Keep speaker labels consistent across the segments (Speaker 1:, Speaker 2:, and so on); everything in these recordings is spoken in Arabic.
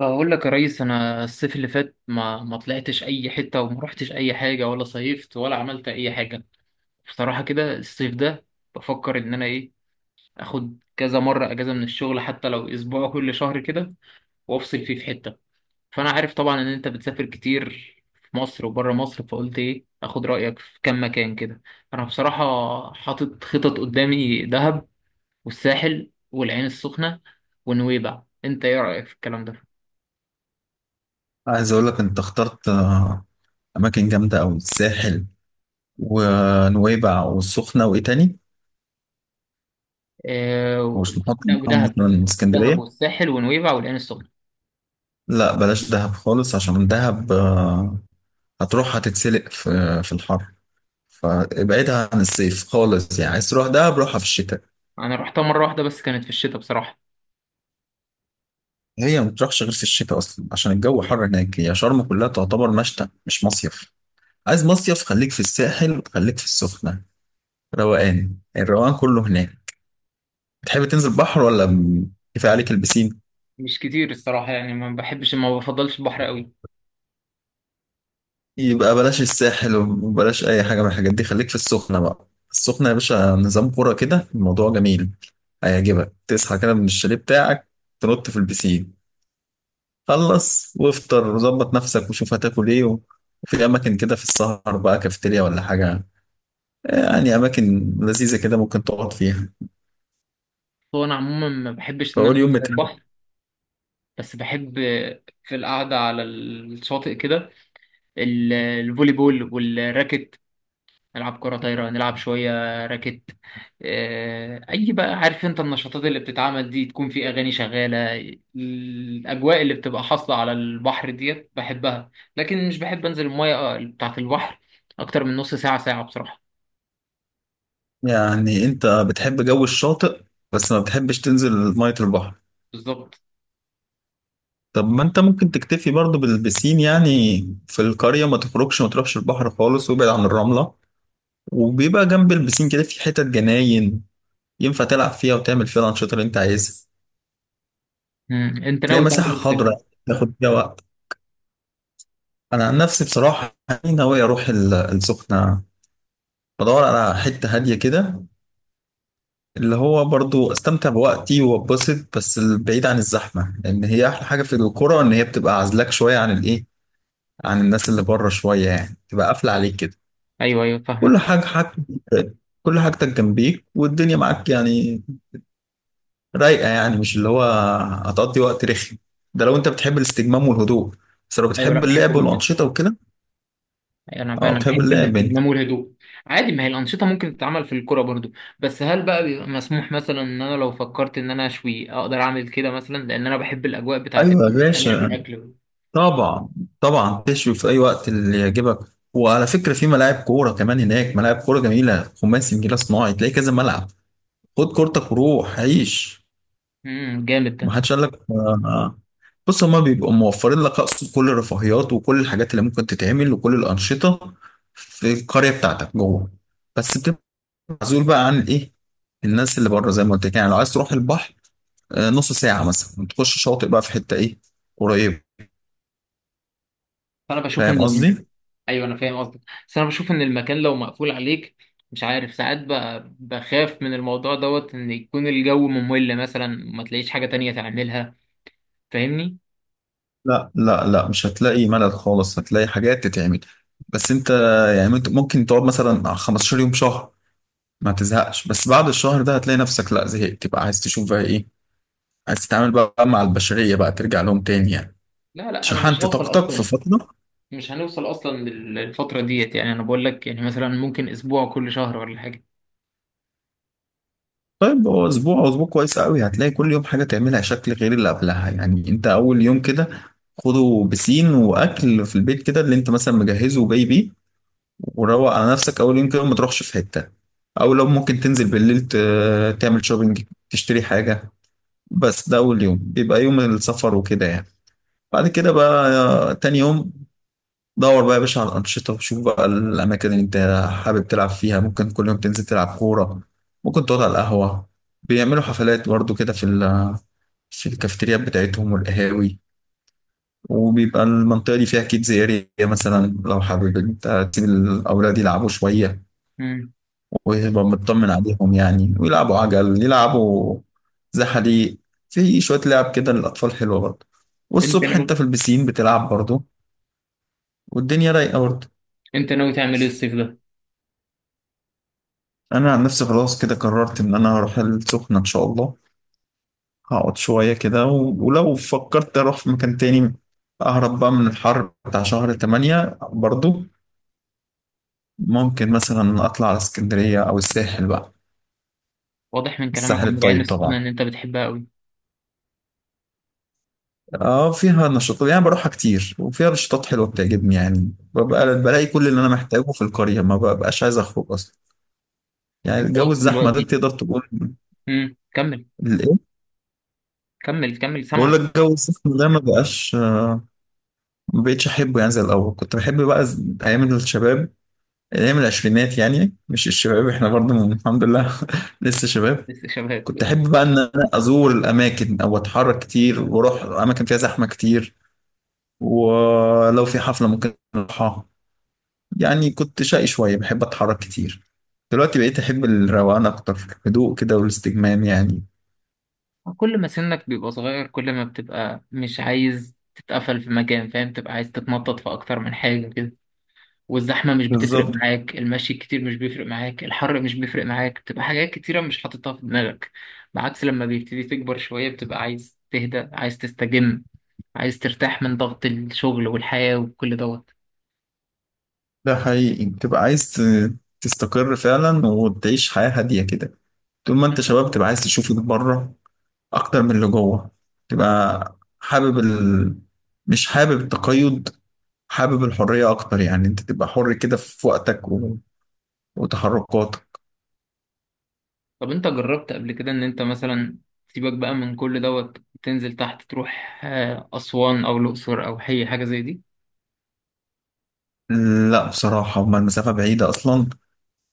Speaker 1: بقول لك يا ريس، انا الصيف اللي فات ما طلعتش اي حته، وما رحتش اي حاجه، ولا صيفت ولا عملت اي حاجه. بصراحه كده الصيف ده بفكر ان انا ايه اخد كذا مره اجازه من الشغل، حتى لو اسبوع كل شهر كده، وافصل فيه في حته. فانا عارف طبعا ان انت بتسافر كتير في مصر وبره مصر، فقلت ايه اخد رايك في كام مكان كده. انا بصراحه حاطط خطط قدامي، دهب والساحل والعين السخنه ونويبع، انت ايه رايك في الكلام ده؟
Speaker 2: عايز اقول لك انت اخترت اماكن جامده قوي. الساحل ونويبع والسخنه وايه تاني؟
Speaker 1: آه،
Speaker 2: ومش نحط
Speaker 1: ده
Speaker 2: معاهم
Speaker 1: ودهب.
Speaker 2: مثلا
Speaker 1: دهب
Speaker 2: اسكندريه؟
Speaker 1: والساحل ونويبع والعين السخنة.
Speaker 2: لا بلاش دهب خالص عشان دهب هتروح هتتسلق في الحر. فابعدها عن الصيف خالص، يعني عايز تروح دهب روحها في الشتاء.
Speaker 1: أنا رحتها مرة واحدة بس، كانت في الشتاء بصراحة.
Speaker 2: هي ما بتروحش غير في الشتاء اصلا عشان الجو حر هناك، هي شرم كلها تعتبر مشتى مش مصيف. عايز مصيف خليك في الساحل، خليك في السخنه. روقان، الروقان كله هناك. بتحب تنزل بحر ولا كفايه عليك البسين؟
Speaker 1: مش كتير الصراحة، يعني ما بحبش، ما بفضلش البحر قوي.
Speaker 2: يبقى بلاش الساحل وبلاش اي حاجه من الحاجات دي، خليك في السخنه بقى. السخنه يا باشا نظام كوره كده، الموضوع جميل، هيعجبك. تصحى كده من الشاليه بتاعك، تنط في البسين، خلص وافطر وظبط نفسك وشوف هتاكل ايه وفي اماكن كده في السهر بقى، كافيتيريا ولا حاجه، يعني اماكن لذيذه كده ممكن تقعد فيها.
Speaker 1: هو أنا عموما ما بحبش إن أنا
Speaker 2: فاول يوم
Speaker 1: أنزل
Speaker 2: بتاعك.
Speaker 1: البحر، بس بحب في القعدة على الشاطئ كده، الفولي بول والراكت، نلعب كرة طايرة، نلعب شوية راكت. آه، أي بقى عارف أنت، النشاطات اللي بتتعمل دي تكون في أغاني شغالة، الأجواء اللي بتبقى حاصلة على البحر ديت بحبها، لكن مش بحب أنزل المية آه، بتاعة البحر أكتر من نص ساعة ساعة بصراحة.
Speaker 2: يعني انت بتحب جو الشاطئ بس ما بتحبش تنزل ميه البحر.
Speaker 1: بالظبط.
Speaker 2: طب ما انت ممكن تكتفي برضو بالبسين يعني. في القرية ما تخرجش، ما تروحش البحر خالص، وابعد عن الرملة. وبيبقى جنب البسين كده في حتت جناين ينفع تلعب فيها وتعمل فيها الأنشطة اللي انت عايزها.
Speaker 1: مم. أنت
Speaker 2: تلاقي
Speaker 1: ناوي تعمل إيه
Speaker 2: مساحة
Speaker 1: في التلفزيون؟
Speaker 2: خضراء تاخد فيها وقت. أنا عن نفسي بصراحة يعني ناوي أروح السخنة. بدور على حتة هادية كده، اللي هو برضو أستمتع بوقتي وأتبسط بس بعيد عن الزحمة، لأن هي أحلى حاجة في القرى إن هي بتبقى عازلاك شوية عن الإيه، عن الناس اللي بره شوية، يعني تبقى قافلة عليك كده،
Speaker 1: أيوه، أيوه،
Speaker 2: كل
Speaker 1: فاهمك.
Speaker 2: حاجة حاجتك، كل حاجتك جنبيك والدنيا معاك يعني. رايقة يعني، مش اللي هو، هتقضي وقت رخي. ده لو انت بتحب الاستجمام والهدوء، بس لو
Speaker 1: أيوه، لا
Speaker 2: بتحب اللعب
Speaker 1: بحبه جدا.
Speaker 2: والأنشطة وكده.
Speaker 1: يعني انا بقى
Speaker 2: اه
Speaker 1: انا
Speaker 2: بتحب
Speaker 1: بحب
Speaker 2: اللعب انت.
Speaker 1: الاستجمام والهدوء. عادي، ما هي الانشطه ممكن تتعمل في الكوره برضو. بس هل بقى بيبقى مسموح مثلا ان انا لو فكرت ان انا اشوي اقدر اعمل كده مثلا، لان انا بحب الاجواء بتاعت ان
Speaker 2: ايوه يا
Speaker 1: احنا نشوي
Speaker 2: باشا،
Speaker 1: اكل.
Speaker 2: طبعا طبعا، تشوي في اي وقت اللي يعجبك. وعلى فكرة في ملاعب كورة كمان هناك، ملاعب كورة جميلة، خماسي نجيلة صناعي، تلاقي كذا ملعب. خد كورتك وروح عيش.
Speaker 1: جامد ده.
Speaker 2: ما حدش قال لك بص، هما بيبقوا موفرين لك، اقصد كل الرفاهيات وكل الحاجات اللي ممكن تتعمل وكل الانشطه في القريه بتاعتك جوه. بس بتبقى معزول بقى عن ايه، الناس اللي بره زي ما قلت لك. يعني لو عايز تروح البحر، نص ساعه مثلا تخش شاطئ بقى في حته ايه، قريب.
Speaker 1: فانا بشوف.
Speaker 2: فاهم قصدي.
Speaker 1: ايوه انا فاهم قصدك، بس انا بشوف ان المكان لو مقفول عليك، مش عارف ساعات بقى بخاف من الموضوع دوت ان يكون الجو ممل مثلا، ما تلاقيش حاجه تانية تعملها، فاهمني.
Speaker 2: لا لا لا، مش هتلاقي ملل خالص، هتلاقي حاجات تتعمل. بس انت يعني، ممكن تقعد مثلا 15 يوم، شهر، ما تزهقش. بس بعد الشهر ده هتلاقي نفسك، لا زهقت تبقى عايز تشوف بقى ايه، عايز تتعامل بقى مع البشرية بقى، ترجع لهم تاني يعني.
Speaker 1: لا لا، انا مش
Speaker 2: شحنت
Speaker 1: هوصل
Speaker 2: طاقتك في
Speaker 1: اصلا،
Speaker 2: فترة.
Speaker 1: مش هنوصل اصلا للفتره ديت، يعني انا بقول لك يعني مثلا ممكن اسبوع كل شهر ولا حاجه.
Speaker 2: طيب هو أسبوع أو أسبوع كويس قوي، هتلاقي كل يوم حاجة تعملها شكل غير اللي قبلها. يعني أنت أول يوم كده، خده بسين وأكل في البيت كده اللي أنت مثلا مجهزه وجاي بيه، وروق على نفسك أول يوم كده وما تروحش في حتة. أو لو ممكن تنزل بالليل تعمل شوبينج، تشتري حاجة، بس ده أول يوم بيبقى يوم السفر وكده يعني. بعد كده بقى تاني يوم، دور بقى يا باشا على الأنشطة، وشوف بقى الأماكن اللي أنت حابب تلعب فيها. ممكن كل يوم تنزل تلعب كورة، ممكن تقعد على القهوة. بيعملوا حفلات برضو كده في في الكافيتريات بتاعتهم والقهاوي. وبيبقى المنطقة دي فيها كيدز اريا مثلا، لو حابب انت تسيب الأولاد يلعبوا شوية
Speaker 1: امم
Speaker 2: ويبقى مطمن عليهم. يعني ويلعبوا عجل، يلعبوا زحاليق، في شوية لعب كده للأطفال حلوة برضو.
Speaker 1: انت
Speaker 2: والصبح انت
Speaker 1: ناوي
Speaker 2: في البسين بتلعب برضو، والدنيا رايقة برضو.
Speaker 1: انت ناوي تعمل ايه الصيف ده؟
Speaker 2: انا عن نفسي خلاص كده قررت ان انا هروح السخنه ان شاء الله. هقعد شويه كده ولو فكرت اروح في مكان تاني، اهرب بقى من الحر بتاع شهر 8 برضو، ممكن مثلا اطلع على اسكندريه او الساحل بقى.
Speaker 1: واضح من كلامك
Speaker 2: الساحل
Speaker 1: عن العين
Speaker 2: الطيب
Speaker 1: السخنه
Speaker 2: طبعا.
Speaker 1: ان انت بتحبها قوي.
Speaker 2: اه فيها نشاطات يعني، بروحها كتير وفيها نشاطات حلوه بتعجبني. يعني
Speaker 1: امم
Speaker 2: ببقى بلاقي كل اللي انا محتاجه في القريه، ما ببقاش عايز اخرج اصلا. يعني
Speaker 1: انت
Speaker 2: الجو
Speaker 1: قلت
Speaker 2: الزحمه ده
Speaker 1: دلوقتي.
Speaker 2: تقدر تقول.
Speaker 1: كمل،
Speaker 2: الايه.
Speaker 1: كمل، كمل،
Speaker 2: بقول
Speaker 1: سامعك.
Speaker 2: لك الجو الزحمه ده ما بقاش، ما بقتش احبه يعني زي الاول. كنت بحب بقى ايام الشباب، ايام العشرينات يعني. مش الشباب، احنا برضه الحمد لله لسه شباب.
Speaker 1: لسه شباب.
Speaker 2: كنت احب بقى ان انا ازور الاماكن او اتحرك كتير واروح اماكن فيها زحمه كتير، ولو في حفله ممكن اروحها. يعني كنت شقي شويه، بحب اتحرك كتير. دلوقتي بقيت احب الروقان اكتر، الهدوء كده والاستجمام يعني.
Speaker 1: كل ما سنك بيبقى صغير، كل ما بتبقى مش عايز تتقفل في مكان، فاهم، تبقى عايز تتنطط في اكتر من حاجه كده، والزحمة مش بتفرق
Speaker 2: بالظبط.
Speaker 1: معاك، المشي كتير مش بيفرق معاك، الحر مش بيفرق معاك، بتبقى حاجات كتيرة مش حاططها في دماغك. بعكس لما بيبتدي تكبر شوية، بتبقى عايز تهدى، عايز تستجم، عايز ترتاح من ضغط الشغل والحياة وكل دوت.
Speaker 2: ده حقيقي بتبقى عايز تستقر فعلا وتعيش حياه هاديه كده. طول ما انت
Speaker 1: مم.
Speaker 2: شباب تبقى عايز تشوف اللي بره اكتر من اللي جوه. تبقى حابب مش حابب التقيد، حابب الحرية اكتر. يعني انت تبقى حر كده في وقتك وتحركاتك.
Speaker 1: طب انت جربت قبل كده ان انت مثلا سيبك بقى من كل دوت، تنزل تحت تروح آه، أسوان أو الأقصر أو أي حاجة زي دي.
Speaker 2: لا بصراحة هما المسافة بعيدة اصلا،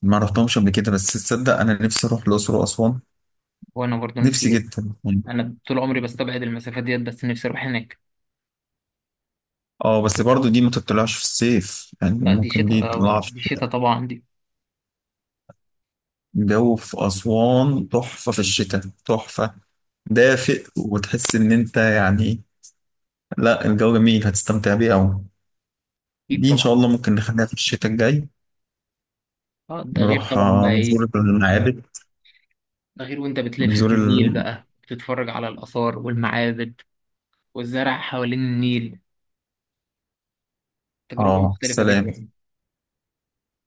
Speaker 2: ما رحتهمش قبل كده. بس تصدق انا نفسي اروح الاقصر واسوان.
Speaker 1: وأنا برضو نفسي
Speaker 2: نفسي
Speaker 1: جدا.
Speaker 2: جدا يعني.
Speaker 1: أنا طول عمري بستبعد المسافات ديت، بس نفسي أروح هناك.
Speaker 2: اه بس برضو دي ما تطلعش في الصيف، يعني
Speaker 1: لا دي
Speaker 2: ممكن دي
Speaker 1: شتاء،
Speaker 2: تطلع في
Speaker 1: دي
Speaker 2: الشتاء.
Speaker 1: شتاء طبعا دي.
Speaker 2: الجو في اسوان تحفة في الشتاء، تحفة. دافئ وتحس ان انت يعني، لا الجو جميل هتستمتع بيه أوي.
Speaker 1: أكيد
Speaker 2: دي إن
Speaker 1: طبعا.
Speaker 2: شاء الله ممكن نخليها في الشتاء الجاي.
Speaker 1: اه ده غير
Speaker 2: نروح
Speaker 1: طبعا بقى
Speaker 2: نزور
Speaker 1: ايه،
Speaker 2: المعابد،
Speaker 1: ده غير وانت بتلف
Speaker 2: نزور
Speaker 1: في
Speaker 2: ال...
Speaker 1: النيل بقى بتتفرج على الآثار والمعابد، والزرع حوالين النيل، تجربة
Speaker 2: آه
Speaker 1: مختلفة
Speaker 2: السلام.
Speaker 1: جدا.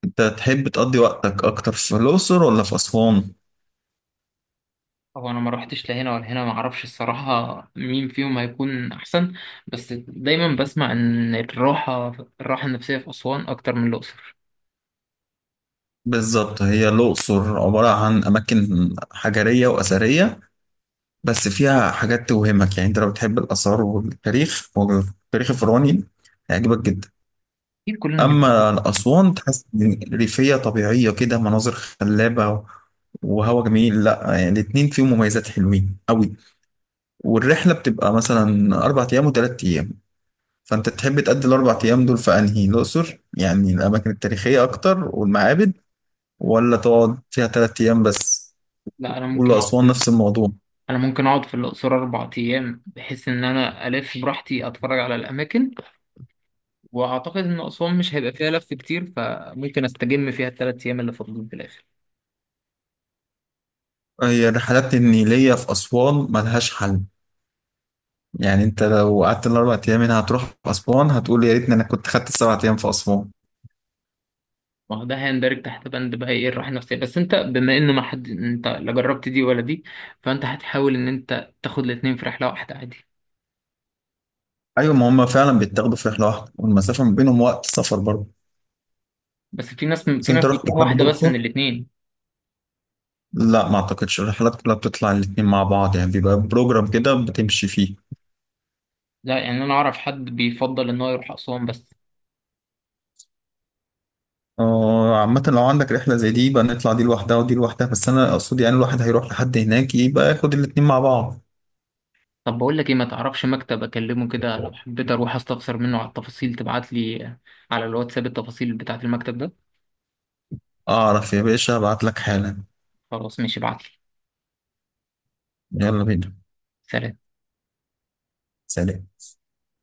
Speaker 2: أنت تحب تقضي وقتك أكتر في الأقصر ولا في أسوان؟
Speaker 1: هو انا ما روحتش لا هنا ولا هنا، ما اعرفش الصراحة مين فيهم هيكون احسن، بس دايما بسمع ان الراحة النفسية في أسوان اكتر من الأقصر.
Speaker 2: بالظبط، هي الأقصر عبارة عن أماكن حجرية وأثرية، بس فيها حاجات توهمك. يعني أنت لو بتحب الآثار والتاريخ والتاريخ الفرعوني هيعجبك جدا.
Speaker 1: اكيد كلنا بنحب.
Speaker 2: أما الأسوان تحس إن ريفية طبيعية كده، مناظر خلابة وهوا جميل. لا يعني الاتنين فيهم مميزات حلوين أوي. والرحلة بتبقى مثلا 4 أيام و3 أيام. فأنت تحب تقضي ال4 أيام دول في أنهي؟ الأقصر يعني الأماكن التاريخية أكتر والمعابد، ولا تقعد فيها 3 أيام بس،
Speaker 1: لا،
Speaker 2: والأسوان نفس الموضوع.
Speaker 1: انا ممكن اقعد في الأقصر 4 أيام، بحيث ان انا الف براحتي اتفرج على الاماكن، واعتقد ان اسوان مش هيبقى فيها لف كتير، فممكن استجم فيها الثلاث ايام اللي فاضلين في الاخر.
Speaker 2: هي الرحلات النيلية في أسوان ملهاش حل، يعني أنت لو قعدت ال4 أيام هنا هتروح أسوان هتقول يا ريتني أنا كنت خدت ال7 أيام في أسوان.
Speaker 1: ما هو ده هيندرج تحت بند بقى ايه الراحه النفسيه، بس انت بما انه ما حد، انت لا جربت دي ولا دي، فانت هتحاول ان انت تاخد الاثنين في رحله واحده عادي.
Speaker 2: أيوة، ما هما فعلا بيتاخدوا في رحلة واحدة، والمسافة ما بينهم وقت سفر برضه.
Speaker 1: بس في ناس
Speaker 2: بس
Speaker 1: في
Speaker 2: أنت
Speaker 1: ناس
Speaker 2: رحت
Speaker 1: بتروح
Speaker 2: لحد
Speaker 1: واحده بس من
Speaker 2: الأقصر.
Speaker 1: الاثنين.
Speaker 2: لا ما اعتقدش، الرحلات كلها بتطلع الاتنين مع بعض يعني، بيبقى بروجرام كده بتمشي فيه.
Speaker 1: لا يعني انا اعرف حد بيفضل ان هو يروح اسوان بس.
Speaker 2: عامة لو عندك رحلة زي دي يبقى نطلع دي لوحدها ودي لوحدها، بس أنا أقصد يعني الواحد هيروح لحد هناك يبقى ياخد الاتنين مع بعض.
Speaker 1: طب بقول لك ايه، ما تعرفش مكتب اكلمه كده لو حبيت اروح استفسر منه على التفاصيل، تبعت لي على الواتساب التفاصيل بتاعه المكتب ده؟
Speaker 2: أعرف يا باشا، أبعت لك حالا.
Speaker 1: خلاص ماشي، ابعت لي.
Speaker 2: يلا بينا.
Speaker 1: سلام.
Speaker 2: سلام.